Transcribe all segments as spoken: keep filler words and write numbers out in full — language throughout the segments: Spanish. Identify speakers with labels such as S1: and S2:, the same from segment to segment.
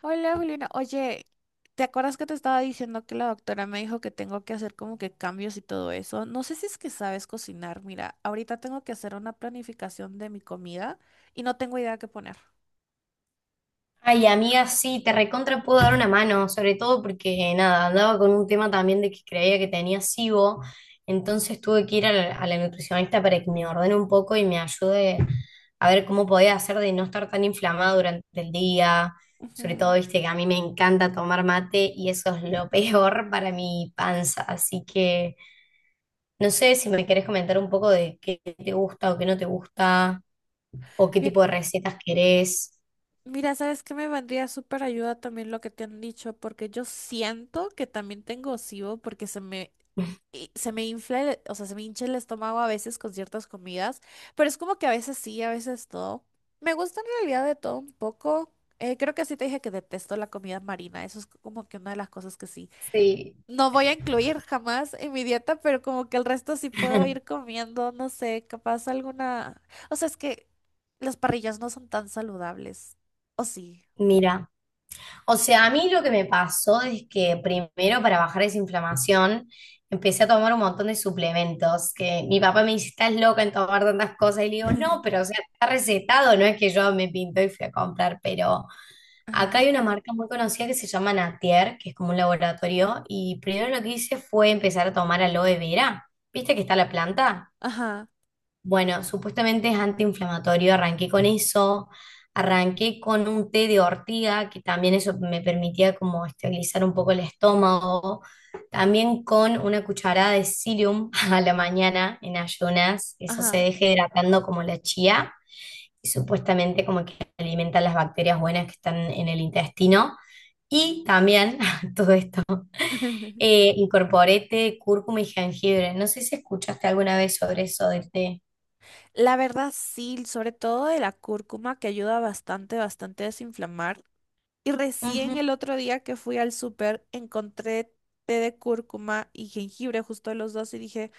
S1: Hola Juliana, oye, ¿te acuerdas que te estaba diciendo que la doctora me dijo que tengo que hacer como que cambios y todo eso? No sé si es que sabes cocinar. Mira, ahorita tengo que hacer una planificación de mi comida y no tengo idea qué poner.
S2: Ay, amiga, sí, te recontra puedo dar una mano, sobre todo porque nada, andaba con un tema también de que creía que tenía S I B O, entonces tuve que ir a la, a la nutricionista para que me ordene un poco y me ayude a ver cómo podía hacer de no estar tan inflamada durante el día, sobre todo,
S1: Ujú.
S2: viste, que a mí me encanta tomar mate y eso es lo peor para mi panza, así que no sé si me querés comentar un poco de qué te gusta o qué no te gusta, o qué
S1: Mi-
S2: tipo de recetas querés.
S1: Mira, ¿sabes qué me vendría súper ayuda también lo que te han dicho? Porque yo siento que también tengo SIBO porque se me y se me infla, el- o sea, se me hincha el estómago a veces con ciertas comidas, pero es como que a veces sí, a veces no. Me gusta en realidad de todo un poco. Eh, creo que sí te dije que detesto la comida marina, eso es como que una de las cosas que sí.
S2: Sí.
S1: No voy a incluir jamás en mi dieta, pero como que el resto sí puedo ir comiendo, no sé, capaz alguna... O sea, es que las parrillas no son tan saludables, ¿o sí?
S2: Mira, o sea, a mí lo que me pasó es que primero para bajar esa inflamación empecé a tomar un montón de suplementos, que mi papá me dice, estás loca en tomar tantas cosas, y le digo, no, pero o sea, está recetado, no es que yo me pinto y fui a comprar, pero acá
S1: Ajá,
S2: hay una marca muy conocida que se llama Natier, que es como un laboratorio, y primero lo que hice fue empezar a tomar aloe vera, ¿viste que está la planta?
S1: ajá,
S2: Bueno, supuestamente es antiinflamatorio, arranqué con eso, arranqué con un té de ortiga, que también eso me permitía como estabilizar un poco el estómago, también con una cucharada de psyllium a la mañana en ayunas, eso se
S1: ajá.
S2: deja hidratando como la chía, y supuestamente como que alimenta las bacterias buenas que están en el intestino, y también, todo esto, eh, incorporé té, de cúrcuma y jengibre, no sé si escuchaste alguna vez sobre eso del té.
S1: La verdad sí, sobre todo de la cúrcuma que ayuda bastante, bastante a desinflamar. Y recién
S2: Ujú.
S1: el otro día que fui al súper encontré té de cúrcuma y jengibre, justo de los dos, y dije,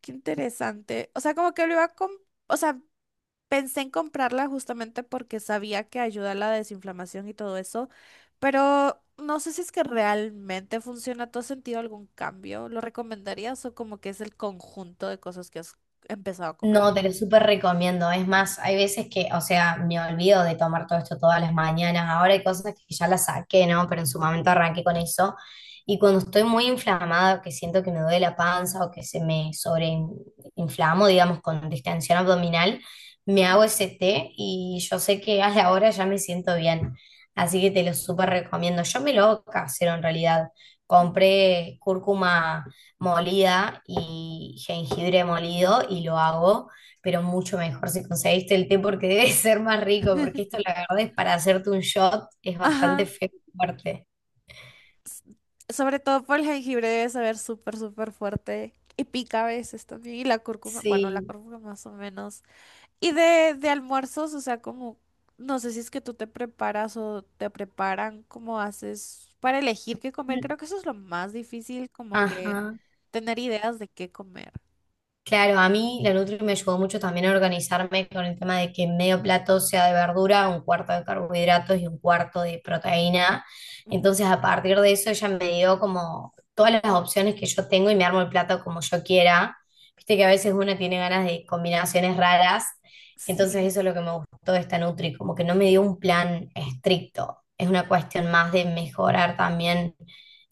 S1: qué interesante. O sea, como que lo iba a com- o sea, pensé en comprarla justamente porque sabía que ayuda a la desinflamación y todo eso, pero no sé si es que realmente funciona. ¿Tú has sentido algún cambio? ¿Lo recomendarías o como que es el conjunto de cosas que has empezado a comer?
S2: No, te lo súper recomiendo. Es más, hay veces que, o sea, me olvido de tomar todo esto todas las mañanas. Ahora hay cosas que ya las saqué, ¿no? Pero en su momento arranqué con eso. Y cuando estoy muy inflamada, que siento que me duele la panza o que se me sobreinflamo, digamos, con distensión abdominal, me hago
S1: Ujú,
S2: ese té y yo sé que a la hora ya me siento bien. Así que te lo súper recomiendo. Yo me lo hago casero en realidad.
S1: ujú.
S2: Compré cúrcuma molida y jengibre molido y lo hago, pero mucho mejor si conseguiste el té porque debe ser más rico, porque esto la verdad es para hacerte un shot, es bastante
S1: Ajá.
S2: feo y fuerte.
S1: S- Sobre todo por el jengibre debe saber súper, súper fuerte. Y pica a veces también. Y la cúrcuma, bueno, la
S2: Sí.
S1: cúrcuma más o menos. Y de, de almuerzos, o sea, como, no sé si es que tú te preparas o te preparan, cómo haces para elegir qué comer. Creo que eso es lo más difícil, como que
S2: Ajá.
S1: tener ideas de qué comer.
S2: Claro, a mí la Nutri me ayudó mucho también a organizarme con el tema de que medio plato sea de verdura, un cuarto de carbohidratos y un cuarto de proteína.
S1: Ujú,
S2: Entonces, a partir de eso, ella me dio como todas las opciones que yo tengo y me armo el plato como yo quiera. Viste que a veces uno tiene ganas de combinaciones raras. Entonces,
S1: sí,
S2: eso es lo que me gustó de esta Nutri, como que no me dio un plan estricto. Es una cuestión más de mejorar también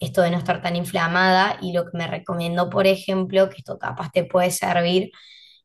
S2: esto de no estar tan inflamada y lo que me recomendó, por ejemplo, que esto capaz te puede servir,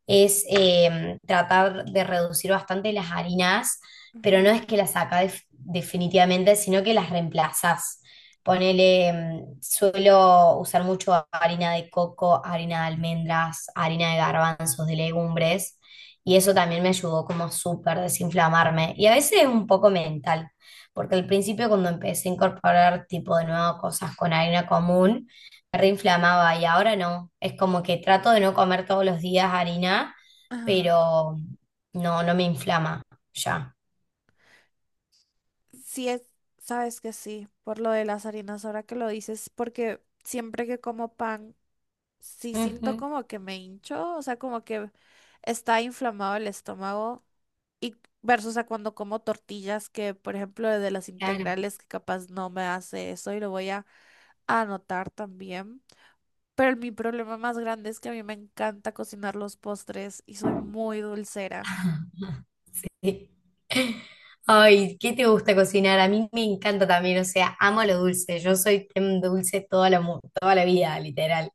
S2: es eh, tratar de reducir bastante las harinas, pero no
S1: ujú.
S2: es que las sacas definitivamente, sino que las reemplazas. Ponele, mm, suelo usar mucho harina de coco, harina de almendras, harina de garbanzos, de legumbres, y eso también me ayudó como súper desinflamarme. Y a veces es un poco mental, porque al principio cuando empecé a incorporar tipo de nuevo cosas con harina común, reinflamaba y ahora no. Es como que trato de no comer todos los días harina,
S1: Ajá.
S2: pero no, no me inflama ya.
S1: Sí, es, sabes que sí, por lo de las harinas, ahora que lo dices, porque siempre que como pan. Sí siento
S2: Ujú,
S1: como que me hincho, o sea, como que está inflamado el estómago y versus a cuando como tortillas que, por ejemplo, de las
S2: claro.
S1: integrales que capaz no me hace eso y lo voy a anotar también. Pero mi problema más grande es que a mí me encanta cocinar los postres y soy muy dulcera.
S2: Sí. Ay, ¿qué te gusta cocinar? A mí me encanta también, o sea, amo lo dulce. Yo soy team dulce toda la, mu- toda la vida, literal.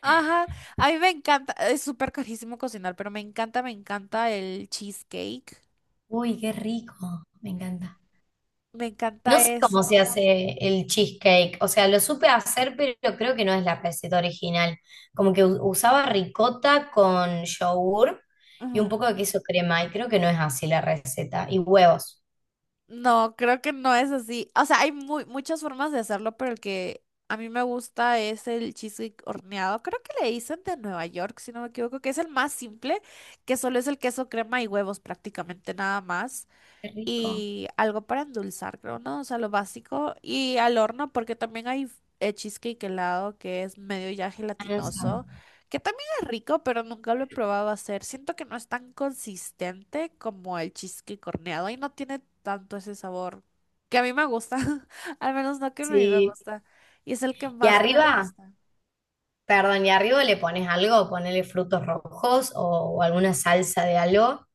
S1: Ajá, a mí me encanta, es súper carísimo cocinar, pero me encanta, me encanta el cheesecake,
S2: Uy, qué rico, me encanta.
S1: me encanta
S2: No sé
S1: eso.
S2: cómo se hace el cheesecake, o sea, lo supe hacer, pero creo que no es la receta original. Como que u- usaba ricota con yogur y un poco de queso crema, y creo que no es así la receta. Y huevos.
S1: No, creo que no es así. O sea, hay muy, muchas formas de hacerlo, pero el que a mí me gusta es el cheesecake horneado. Creo que le dicen de Nueva York, si no me equivoco, que es el más simple, que solo es el queso, crema y huevos prácticamente nada más
S2: Qué rico.
S1: y algo para endulzar, creo, ¿no? O sea, lo básico. Y al horno, porque también hay eh, cheesecake helado que es medio ya
S2: Ah, no sabe.
S1: gelatinoso, que también es rico, pero nunca lo he probado a hacer. Siento que no es tan consistente como el cheesecake horneado y no tiene tanto ese sabor que a mí me gusta, al menos no que a mí me
S2: Sí.
S1: gusta. Y es el que
S2: Y
S1: más me
S2: arriba,
S1: gusta.
S2: perdón, y arriba le pones algo, ponele frutos rojos o, o alguna salsa de algo.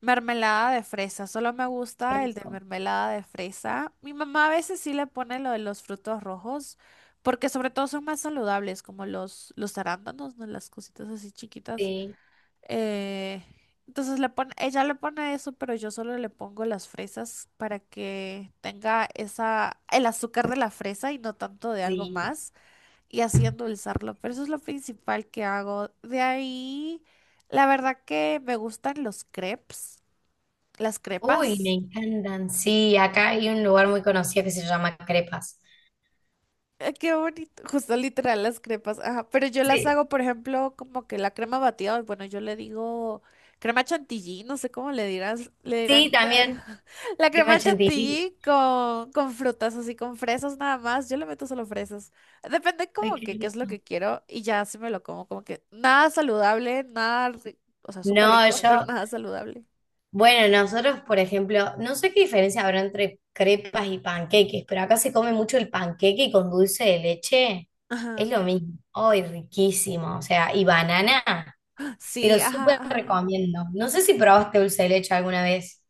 S1: Mermelada de fresa, solo me
S2: Qué
S1: gusta el de
S2: Rico.
S1: mermelada de fresa. Mi mamá a veces sí le pone lo de los frutos rojos, porque sobre todo son más saludables, como los, los arándanos, ¿no? Las cositas así chiquitas.
S2: Sí,
S1: Eh, entonces le pone, ella le pone eso, pero yo solo le pongo las fresas para que tenga esa, el azúcar de la fresa y no tanto de algo
S2: sí.
S1: más, y así endulzarlo. Pero eso es lo principal que hago. De ahí, la verdad que me gustan los crepes. Las
S2: Uy, me
S1: crepas.
S2: encantan. Sí, acá hay un lugar muy conocido que se llama Crepas.
S1: Ay, qué bonito. Justo literal, las crepas. Ajá. Pero yo las
S2: Sí,
S1: hago, por ejemplo, como que la crema batida. Bueno, yo le digo crema chantilly, no sé cómo le dirás, le
S2: Sí,
S1: dirán por ahí.
S2: también.
S1: La
S2: Crema
S1: crema
S2: chantilly.
S1: chantilly con, con frutas, así con fresas nada más. Yo le meto solo fresas. Depende
S2: Ay,
S1: como
S2: qué
S1: que qué es lo
S2: rico.
S1: que quiero y ya se me lo como. Como que nada saludable, nada, ri- o sea, súper
S2: No,
S1: rico, pero
S2: yo,
S1: nada saludable.
S2: bueno, nosotros, por ejemplo, no sé qué diferencia habrá entre crepas y panqueques, pero acá se come mucho el panqueque con dulce de leche.
S1: Ajá.
S2: Es lo mismo. Ay, riquísimo. O sea, y banana. Te lo
S1: Sí, ajá,
S2: súper
S1: ajá.
S2: recomiendo. No sé si probaste dulce de leche alguna vez.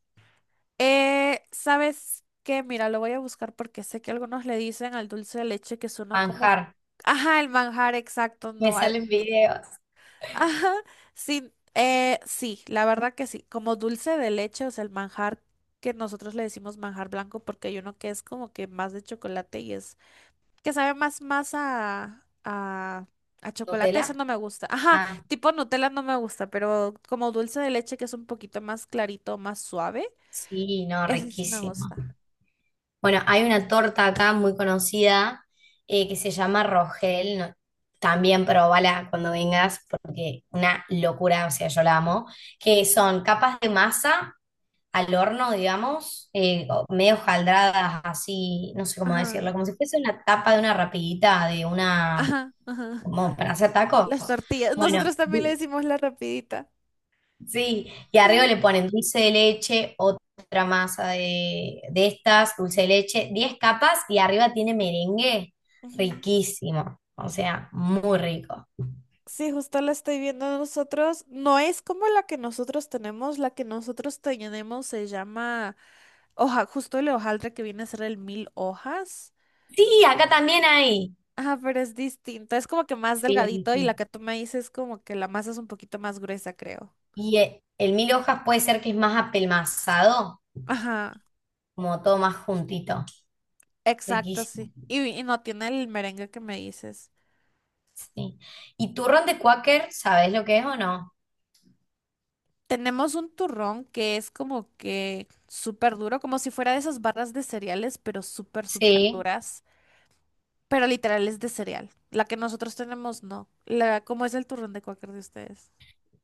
S1: Eh, ¿sabes qué? Mira, lo voy a buscar porque sé que algunos le dicen al dulce de leche que es como...
S2: Manjar.
S1: Ajá, el manjar exacto,
S2: Me
S1: no al...
S2: salen videos.
S1: Ajá, sí, eh, sí, la verdad que sí. Como dulce de leche, o sea, el manjar que nosotros le decimos manjar blanco porque hay uno que es como que más de chocolate y es... que sabe más, más a... a... a chocolate, eso
S2: ¿Nutella?
S1: no me gusta. Ajá,
S2: Ah,
S1: tipo Nutella no me gusta, pero como dulce de leche que es un poquito más clarito, más suave,
S2: sí, no,
S1: eso sí me
S2: riquísimo.
S1: gusta.
S2: Bueno, hay una torta acá muy conocida eh, que se llama Rogel. No- también probala cuando vengas porque una locura, o sea, yo la amo. Que son capas de masa al horno, digamos, eh, o medio jaldradas así, no sé cómo
S1: Ajá.
S2: decirlo, como si fuese una tapa de una rapidita, de una,
S1: Ajá, ajá.
S2: como para hacer tacos.
S1: Las tortillas.
S2: Bueno,
S1: Nosotros también le decimos la rapidita.
S2: sí, y arriba le ponen dulce de leche, otra masa de, de estas, dulce de leche, diez capas y arriba tiene merengue
S1: Ujú.
S2: riquísimo, o sea, muy rico.
S1: Sí, justo la estoy viendo nosotros. No es como la que nosotros tenemos. La que nosotros tenemos se llama hoja, justo el hojaldre que viene a ser el mil hojas.
S2: Sí, acá también hay.
S1: Ajá, pero es distinto. Es como que más
S2: Sí, sí,
S1: delgadito y la
S2: sí.
S1: que tú me dices es como que la masa es un poquito más gruesa, creo.
S2: Y eh, el, mil hojas puede ser que es más apelmazado,
S1: Ajá,
S2: como todo más juntito,
S1: exacto,
S2: riquísimo.
S1: sí. Y, y no tiene el merengue que me dices.
S2: Sí. ¿Y turrón de cuáquer, sabes lo que es o no?
S1: Tenemos un turrón que es como que súper duro, como si fuera de esas barras de cereales, pero súper, súper
S2: Sí.
S1: duras. Pero literal es de cereal. La que nosotros tenemos, no. La, ¿cómo es el turrón de cualquier de ustedes?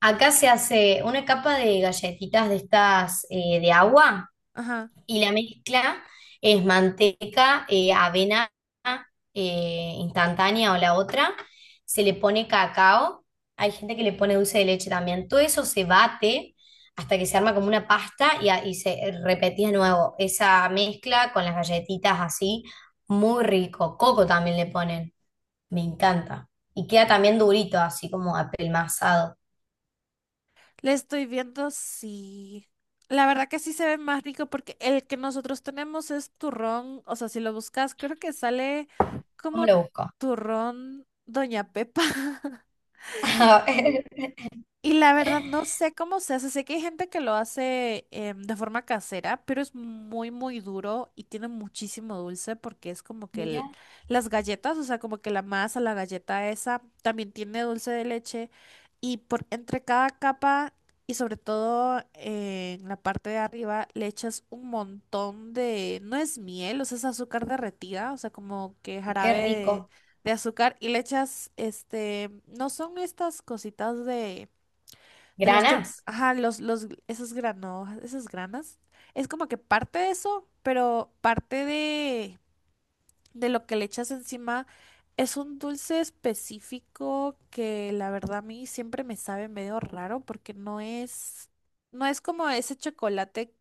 S2: Acá se hace una capa de galletitas de estas eh, de agua.
S1: Ajá.
S2: Y la mezcla es manteca, eh, avena eh, instantánea o la otra. Se le pone cacao. Hay gente que le pone dulce de leche también. Todo eso se bate hasta que se arma como una pasta y, a- y se repetía de nuevo esa mezcla con las galletitas así. Muy rico. Coco también le ponen. Me encanta. Y queda también durito, así como apelmazado.
S1: Le estoy viendo si... La verdad que sí se ve más rico porque el que nosotros tenemos es turrón. O sea, si lo buscas, creo que sale
S2: ¿Cómo
S1: como
S2: lo busco?
S1: turrón Doña Pepa. Y la verdad, no sé cómo se hace. Sé que hay gente que lo hace em, de forma casera, pero es muy, muy duro y tiene muchísimo dulce porque es como que el-
S2: Mira,
S1: las galletas, o sea, como que la masa, la galleta esa, también tiene dulce de leche. Y por entre cada capa y sobre todo eh, en la parte de arriba le echas un montón de, no es miel, o sea, es azúcar derretida, o sea, como que
S2: qué
S1: jarabe de,
S2: rico.
S1: de azúcar y le echas, este, no son estas cositas de de los cho-
S2: ¿Granas?
S1: ajá, los, los, esos granos, esas granas, es como que parte de eso, pero parte de, de lo que le echas encima. Es un dulce específico que la verdad a mí siempre me sabe medio raro porque no es, no es como ese chocolate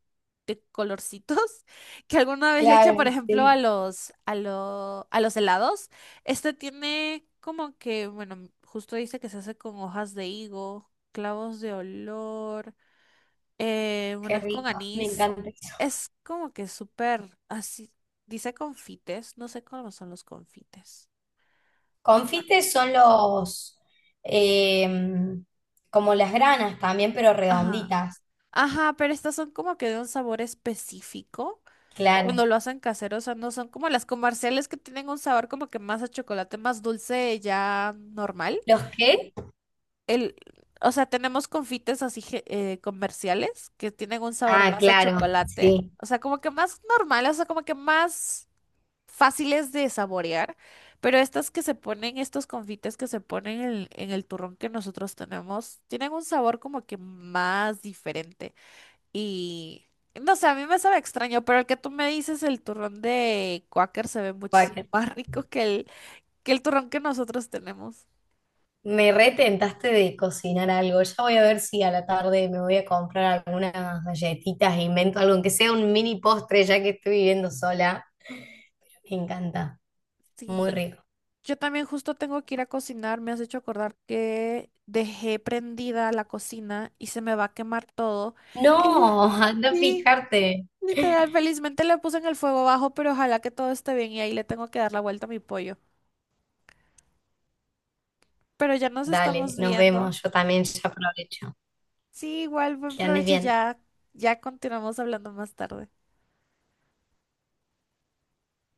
S1: de colorcitos que alguna vez le echa, por
S2: Claro,
S1: ejemplo, a
S2: sí.
S1: los, a lo- a los helados. Este tiene como que, bueno, justo dice que se hace con hojas de higo, clavos de olor. Eh, bueno,
S2: Qué
S1: es con
S2: rico, me
S1: anís.
S2: encanta eso.
S1: Es como que súper así. Dice confites. No sé cómo son los confites.
S2: Confites son los, em, como las granas también, pero
S1: Ajá.
S2: redonditas.
S1: Ajá, pero estas son como que de un sabor específico. Cuando
S2: Claro.
S1: lo hacen casero, o sea, no son como las comerciales que tienen un sabor como que más a chocolate, más dulce, ya normal.
S2: ¿Los qué?
S1: El, o sea, tenemos confites así ge- eh, comerciales que tienen un sabor
S2: Ah,
S1: más a
S2: claro,
S1: chocolate.
S2: sí.
S1: O sea, como que más normal, o sea, como que más. Fáciles de saborear, pero estas que se ponen, estos confites que se ponen en, en el turrón que nosotros tenemos, tienen un sabor como que más diferente. Y no sé, a mí me sabe extraño, pero el que tú me dices, el turrón de Quaker se ve
S2: Guau,
S1: muchísimo más rico que el, que el turrón que nosotros tenemos.
S2: me retentaste de cocinar algo. Ya voy a ver si a la tarde me voy a comprar algunas galletitas e invento algo, aunque sea un mini postre, ya que estoy viviendo sola. Me encanta,
S1: Sí, no,
S2: muy rico.
S1: yo también justo tengo que ir a cocinar, me has hecho acordar que dejé prendida la cocina y se me va a quemar todo.
S2: No, anda a
S1: Sí,
S2: fijarte.
S1: literal, felizmente le puse en el fuego bajo, pero ojalá que todo esté bien y ahí le tengo que dar la vuelta a mi pollo. Pero ya nos
S2: Dale,
S1: estamos
S2: nos
S1: viendo.
S2: vemos. Yo también ya aprovecho.
S1: Sí, igual, buen
S2: Que andes
S1: provecho y
S2: bien.
S1: ya, ya continuamos hablando más tarde.